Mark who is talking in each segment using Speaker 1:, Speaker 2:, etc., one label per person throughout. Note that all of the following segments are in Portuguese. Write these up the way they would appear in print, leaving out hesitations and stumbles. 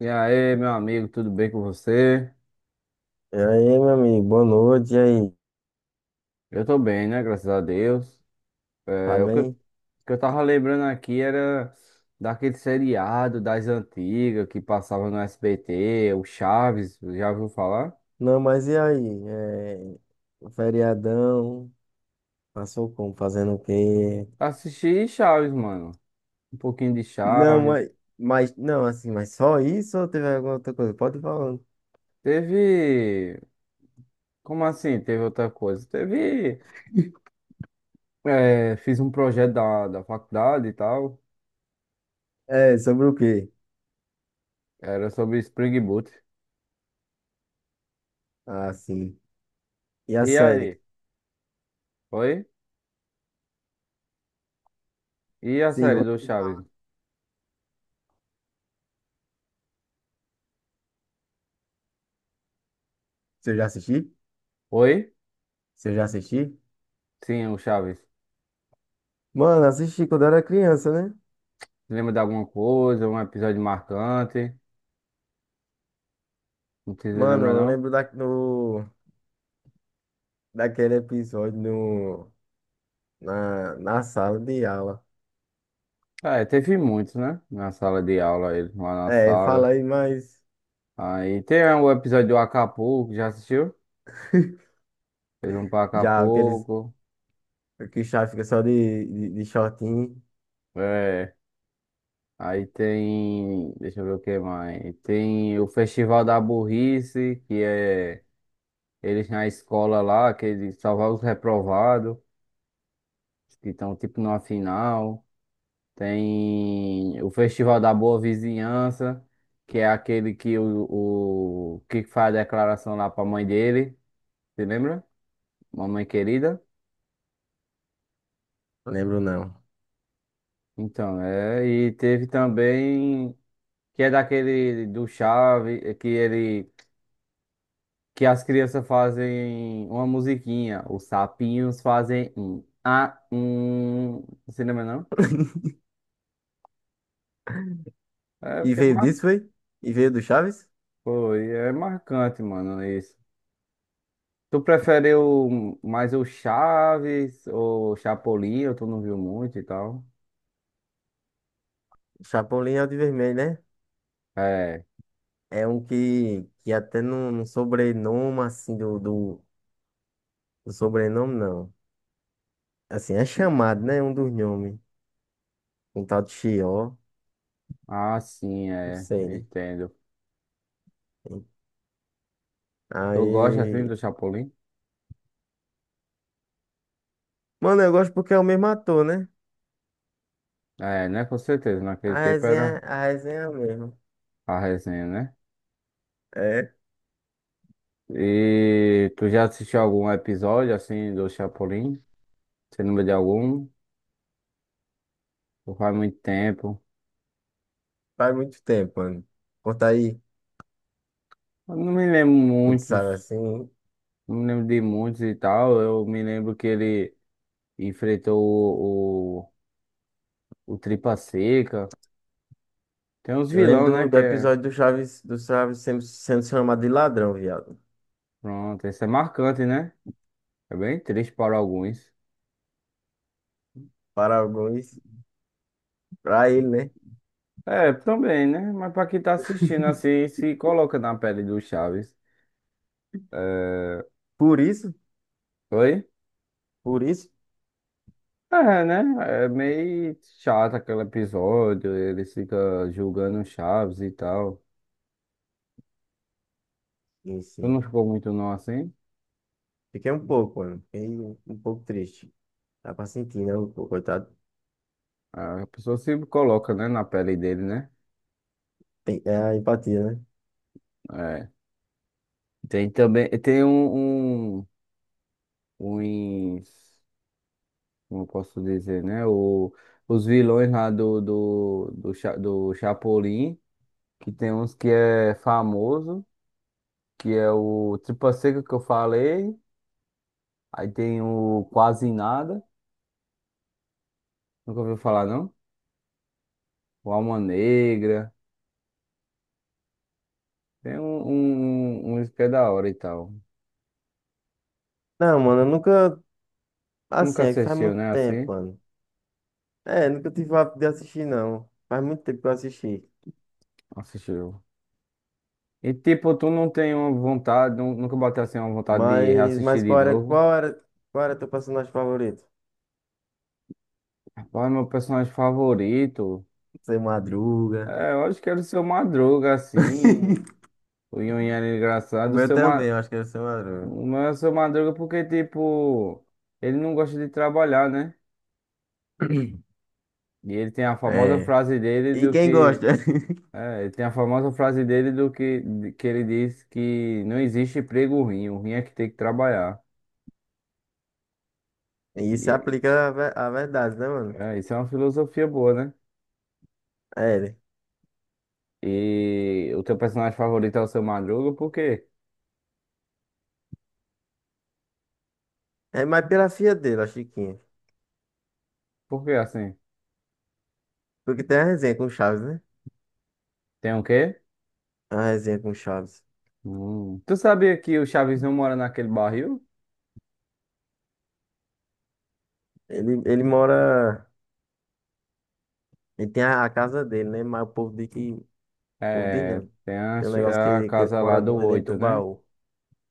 Speaker 1: E aí, meu amigo, tudo bem com você?
Speaker 2: E aí, meu amigo, boa noite. E aí,
Speaker 1: Eu tô bem, né? Graças a Deus.
Speaker 2: tá
Speaker 1: É, o que eu, o
Speaker 2: bem?
Speaker 1: que eu tava lembrando aqui era daquele seriado das antigas que passava no SBT, o Chaves, já ouviu falar?
Speaker 2: Não, mas e aí? É, o feriadão, passou como? Fazendo o quê?
Speaker 1: Assisti Chaves, mano. Um pouquinho de
Speaker 2: Não,
Speaker 1: Chaves.
Speaker 2: mas, não, assim, mas só isso ou teve alguma outra coisa? Pode ir falando.
Speaker 1: Teve. Como assim? Teve outra coisa? Teve. É, fiz um projeto da faculdade e tal.
Speaker 2: É, sobre o quê?
Speaker 1: Era sobre Spring Boot.
Speaker 2: Ah, sim. E a
Speaker 1: E
Speaker 2: série?
Speaker 1: aí? Oi? E a
Speaker 2: Sim,
Speaker 1: série
Speaker 2: gosto
Speaker 1: do
Speaker 2: de-
Speaker 1: Chaves?
Speaker 2: Você já assistiu?
Speaker 1: Oi?
Speaker 2: Você já assistiu?
Speaker 1: Sim, o Chaves.
Speaker 2: Mano, assisti quando eu era criança, né?
Speaker 1: Lembra de alguma coisa, um episódio marcante? Não se
Speaker 2: Mano,
Speaker 1: lembra,
Speaker 2: eu
Speaker 1: não?
Speaker 2: lembro da, no, daquele episódio no, na, na sala de aula.
Speaker 1: Ah, é, teve muitos, né? Na sala de aula, eles lá na
Speaker 2: É, fala
Speaker 1: sala.
Speaker 2: aí mais.
Speaker 1: Aí tem, é, o episódio do Acapulco, já assistiu? Eles vão pra
Speaker 2: Já aqueles
Speaker 1: Acapulco.
Speaker 2: que o chaves fica só de shortinho,
Speaker 1: É. Aí tem. Deixa eu ver o que mais. Tem o Festival da Burrice, que é eles na escola lá, que eles salvam os reprovados, que estão tipo numa final. Tem o Festival da Boa Vizinhança, que é aquele que o que faz a declaração lá pra mãe dele, você lembra? Mamãe querida.
Speaker 2: não lembro não.
Speaker 1: Então, é, e teve também que é daquele do Chave, é que ele que as crianças fazem uma musiquinha, os sapinhos fazem um um, você lembra não? É
Speaker 2: E
Speaker 1: porque é
Speaker 2: veio
Speaker 1: mar...
Speaker 2: disso, foi? E veio do Chaves?
Speaker 1: Foi, é marcante, mano, isso. Tu prefere o, mais o Chaves ou Chapolin? Ou tu não viu muito e tal?
Speaker 2: Chapolin é o de vermelho, né?
Speaker 1: É.
Speaker 2: É um que até no sobrenome, assim, do sobrenome, não. Assim, é chamado, né? Um dos nomes. Um tal de Chió,
Speaker 1: Ah, sim,
Speaker 2: não
Speaker 1: é.
Speaker 2: sei, né?
Speaker 1: Entendo. Tu gosta assim
Speaker 2: Aí.
Speaker 1: do Chapolin?
Speaker 2: Mano, eu gosto porque é o mesmo ator, né?
Speaker 1: É, né? Com certeza. Naquele tempo era
Speaker 2: A resenha é a mesma.
Speaker 1: a resenha, né?
Speaker 2: É,
Speaker 1: E tu já assistiu algum episódio assim do Chapolin? Você lembra de algum? Ou faz muito tempo.
Speaker 2: faz muito tempo, mano. Conta aí,
Speaker 1: Eu não me lembro
Speaker 2: tu que sabe
Speaker 1: muitos.
Speaker 2: assim.
Speaker 1: Não me lembro de muitos e tal. Eu me lembro que ele enfrentou o, o Tripa Seca. Tem uns
Speaker 2: Eu
Speaker 1: vilão,
Speaker 2: lembro
Speaker 1: né? Que
Speaker 2: do
Speaker 1: é.
Speaker 2: episódio do Chaves sendo chamado de ladrão, viado.
Speaker 1: Pronto, esse é marcante, né? É bem triste para alguns.
Speaker 2: Para alguns, para ele, né?
Speaker 1: É, também, né? Mas para quem tá assistindo assim, se coloca na pele do Chaves. É...
Speaker 2: Por isso,
Speaker 1: Oi?
Speaker 2: por isso,
Speaker 1: É, né? É meio chato aquele episódio, ele fica julgando o Chaves e tal.
Speaker 2: sim,
Speaker 1: Tu
Speaker 2: sim.
Speaker 1: não ficou muito não assim?
Speaker 2: Fiquei um pouco, mano. Fiquei um pouco triste. Dá pra sentir, né? O coitado
Speaker 1: É, a pessoa se coloca, né, na pele dele, né?
Speaker 2: tem é a empatia, né?
Speaker 1: É. Tem também, tem uns, como eu posso dizer, né? O, os vilões lá do Cha- do Chapolin, que tem uns que é famoso, que é o Tripa Seca que eu falei, aí tem o Quase Nada, nunca ouviu falar não? O Alma Negra, tem um, que é da hora e tal.
Speaker 2: Não, mano, eu nunca.
Speaker 1: Nunca
Speaker 2: Assim, é faz
Speaker 1: assistiu,
Speaker 2: muito
Speaker 1: né?
Speaker 2: tempo,
Speaker 1: Assim?
Speaker 2: mano. É, nunca tive o hábito de assistir, não. Faz muito tempo que eu assisti.
Speaker 1: Assistiu. E tipo, tu não tem uma vontade, nu- nunca bateu assim uma vontade de
Speaker 2: Mas,
Speaker 1: reassistir
Speaker 2: mas
Speaker 1: de
Speaker 2: qual era,
Speaker 1: novo?
Speaker 2: qual era, qual era teu personagem favorito?
Speaker 1: Rapaz, meu personagem favorito.
Speaker 2: Seu Madruga.
Speaker 1: É, eu acho que era o seu Madruga, assim. O Yun era
Speaker 2: O
Speaker 1: engraçado. O
Speaker 2: meu
Speaker 1: seu Ma...
Speaker 2: também, eu acho que era o Seu Madruga.
Speaker 1: Não é o seu Madruga porque, tipo, ele não gosta de trabalhar, né? E ele tem a famosa
Speaker 2: É.
Speaker 1: frase dele
Speaker 2: E
Speaker 1: do
Speaker 2: quem
Speaker 1: que.
Speaker 2: gosta?
Speaker 1: É, ele tem a famosa frase dele do que, de- que ele diz que não existe emprego ruim, o ruim é que tem que trabalhar.
Speaker 2: Isso
Speaker 1: E,
Speaker 2: aplica a, a verdade, né, mano?
Speaker 1: é, isso é uma filosofia boa, né?
Speaker 2: É ele.
Speaker 1: E o teu personagem favorito é o seu Madruga, por quê?
Speaker 2: É mais pela filha dele, a Chiquinha.
Speaker 1: Por quê assim?
Speaker 2: Porque tem a resenha com o Chaves, né?
Speaker 1: Tem o quê?
Speaker 2: A resenha com o Chaves.
Speaker 1: Hum. Tu sabia que o Chaves não mora naquele barril?
Speaker 2: Ele mora. Ele tem a casa dele, né? Mas o povo diz que. O povo diz
Speaker 1: É,
Speaker 2: não.
Speaker 1: tem
Speaker 2: Tem um negócio
Speaker 1: a
Speaker 2: que ele
Speaker 1: casa lá
Speaker 2: mora
Speaker 1: do
Speaker 2: no- dentro do
Speaker 1: oito, né?
Speaker 2: baú.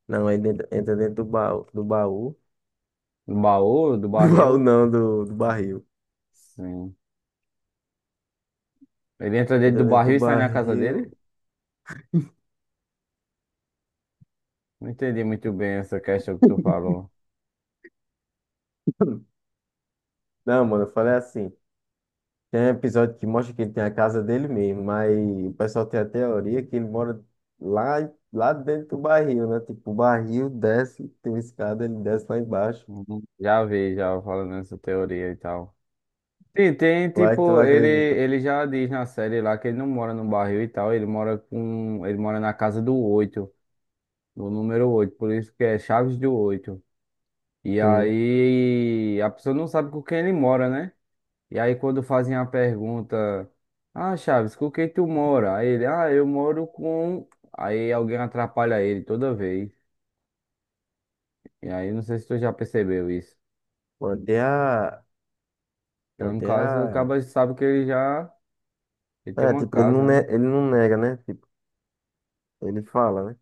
Speaker 2: Não, ele dentro- entra dentro do baú. Do baú.
Speaker 1: Do baú, do
Speaker 2: Do baú
Speaker 1: barril.
Speaker 2: não, do barril.
Speaker 1: Sim. Ele entra dentro
Speaker 2: Entra
Speaker 1: do
Speaker 2: dentro
Speaker 1: barril
Speaker 2: do
Speaker 1: e sai na casa dele?
Speaker 2: barril.
Speaker 1: Não entendi muito bem essa questão que tu falou.
Speaker 2: Não, mano, eu falei assim. Tem um episódio que mostra que ele tem a casa dele mesmo, mas o pessoal tem a teoria que ele mora lá dentro do barril, né? Tipo, o barril desce, tem uma escada, ele desce lá embaixo.
Speaker 1: Uhum. Já vi, já falando essa teoria e tal. Sim, tem
Speaker 2: Vai que tu não
Speaker 1: tipo, ele,
Speaker 2: acredita.
Speaker 1: ele já diz na série lá que ele não mora no barril e tal, ele mora com, ele mora na casa do oito, no número oito, por isso que é Chaves do oito. E
Speaker 2: Sim.
Speaker 1: aí a pessoa não sabe com quem ele mora, né? E aí quando fazem a pergunta, ah, Chaves, com quem tu mora? Aí ele, ah, eu moro com. Aí alguém atrapalha ele toda vez. E aí não sei se tu já percebeu isso.
Speaker 2: Manter a.
Speaker 1: Então, no
Speaker 2: Manter
Speaker 1: caso,
Speaker 2: a.
Speaker 1: acaba sabe que ele já ele tem
Speaker 2: É,
Speaker 1: uma
Speaker 2: tipo,
Speaker 1: casa, né?
Speaker 2: ele não nega, né? Tipo, ele fala, né?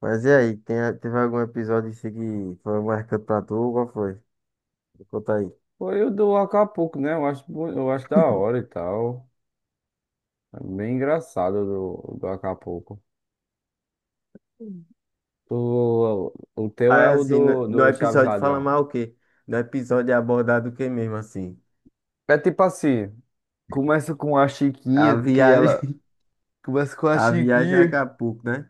Speaker 2: Mas e aí, tem... teve algum episódio assim que foi marcante pra tu? Qual foi? Me conta aí.
Speaker 1: Foi o do Acapulco, né? Eu acho, bo- eu acho da hora e tal. É bem engraçado o do, do Acapulco. O teu é
Speaker 2: Aí,
Speaker 1: o
Speaker 2: assim,
Speaker 1: do,
Speaker 2: no
Speaker 1: do Chaves
Speaker 2: episódio fala
Speaker 1: Ladrão.
Speaker 2: mais o quê? No episódio é abordado o quê mesmo, assim?
Speaker 1: É tipo assim, começa com a
Speaker 2: A
Speaker 1: Chiquinha, que ela
Speaker 2: viagem.
Speaker 1: começa com a
Speaker 2: A viagem a
Speaker 1: Chiquinha.
Speaker 2: Acapulco, né?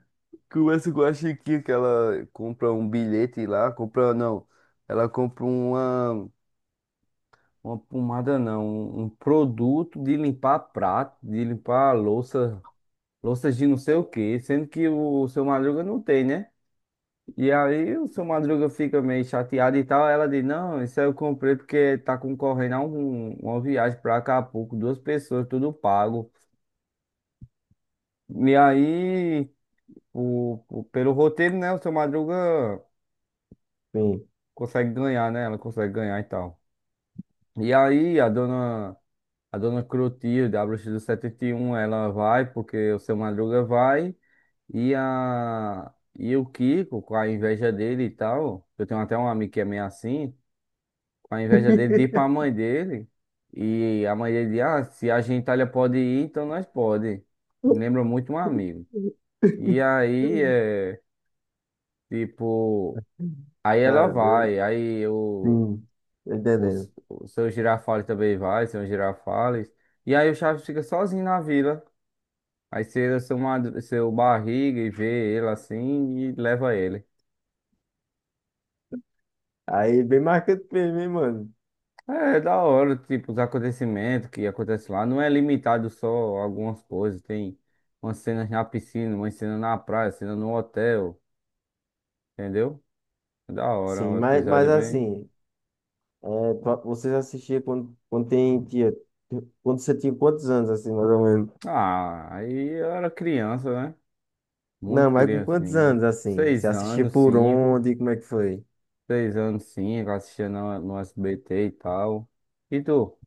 Speaker 1: Que o Wes gosta que ela compra um bilhete lá, compra não, ela compra uma pomada não, um produto de limpar prato, de limpar louça, louças de não sei o que sendo que o seu Madruga não tem, né? E aí o seu Madruga fica meio chateado e tal, ela diz, não, isso aí eu comprei porque tá concorrendo a um, uma viagem pra Acapulco, duas pessoas, tudo pago. E aí, o- pelo roteiro, né, o seu Madruga
Speaker 2: Sim.
Speaker 1: consegue ganhar, né? Ela consegue ganhar e tal. E aí a dona Clotilde, a bruxa do 71, ela vai porque o seu Madruga vai e a e o Kiko, com a inveja dele e tal, eu tenho até um amigo que é meio assim, com a inveja dele, diz pra mãe dele e a mãe dele diz, ah, se a gentalha pode ir, então nós pode. Me lembra muito um amigo. E aí é tipo, aí ela
Speaker 2: Tá doido.
Speaker 1: vai, aí eu
Speaker 2: Sim, tô
Speaker 1: O, s-
Speaker 2: entendendo.
Speaker 1: o seu Girafales também vai, seu Girafales. E aí o Chaves fica sozinho na vila. Aí você seu, madru- seu barriga e vê ele assim e leva ele.
Speaker 2: Aí, bem marcante mesmo, hein, mano?
Speaker 1: É, é da hora, tipo, os acontecimentos que acontecem lá. Não é limitado só a algumas coisas. Tem umas cenas na piscina, uma cena na praia, cena no hotel, entendeu? É da hora,
Speaker 2: Sim,
Speaker 1: o
Speaker 2: mas,
Speaker 1: episódio
Speaker 2: mas
Speaker 1: é bem.
Speaker 2: assim, vocês assistiam quando você tinha quantos anos, assim, mais ou menos?
Speaker 1: Ah, aí eu era criança, né?
Speaker 2: Não,
Speaker 1: Muito
Speaker 2: mas com quantos anos,
Speaker 1: criancinha.
Speaker 2: assim? Você
Speaker 1: Seis
Speaker 2: assistia
Speaker 1: anos,
Speaker 2: por
Speaker 1: cinco.
Speaker 2: onde? Como é que foi?
Speaker 1: Seis anos, sim, eu assistia no, no SBT e tal. E tu?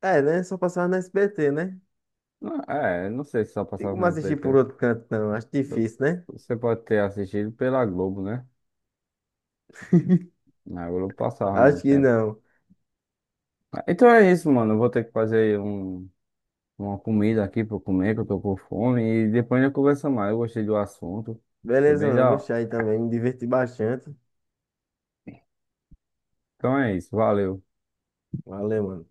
Speaker 2: É, né? Só passava na SBT, né?
Speaker 1: Não, é, não sei se só
Speaker 2: Tem
Speaker 1: passava no
Speaker 2: como assistir por
Speaker 1: SBT.
Speaker 2: outro canto, não. Acho difícil, né?
Speaker 1: Você pode ter assistido pela Globo, né? Na Globo passava no
Speaker 2: Acho que
Speaker 1: tempo.
Speaker 2: não.
Speaker 1: Ah, então é isso, mano. Eu vou ter que fazer um, uma comida aqui pra eu comer, que eu tô com fome. E depois a gente conversa mais. Eu gostei do assunto. Foi
Speaker 2: Beleza,
Speaker 1: bem
Speaker 2: mano.
Speaker 1: da hora.
Speaker 2: Gostei também. Me diverti bastante.
Speaker 1: Então é isso. Valeu.
Speaker 2: Valeu, mano.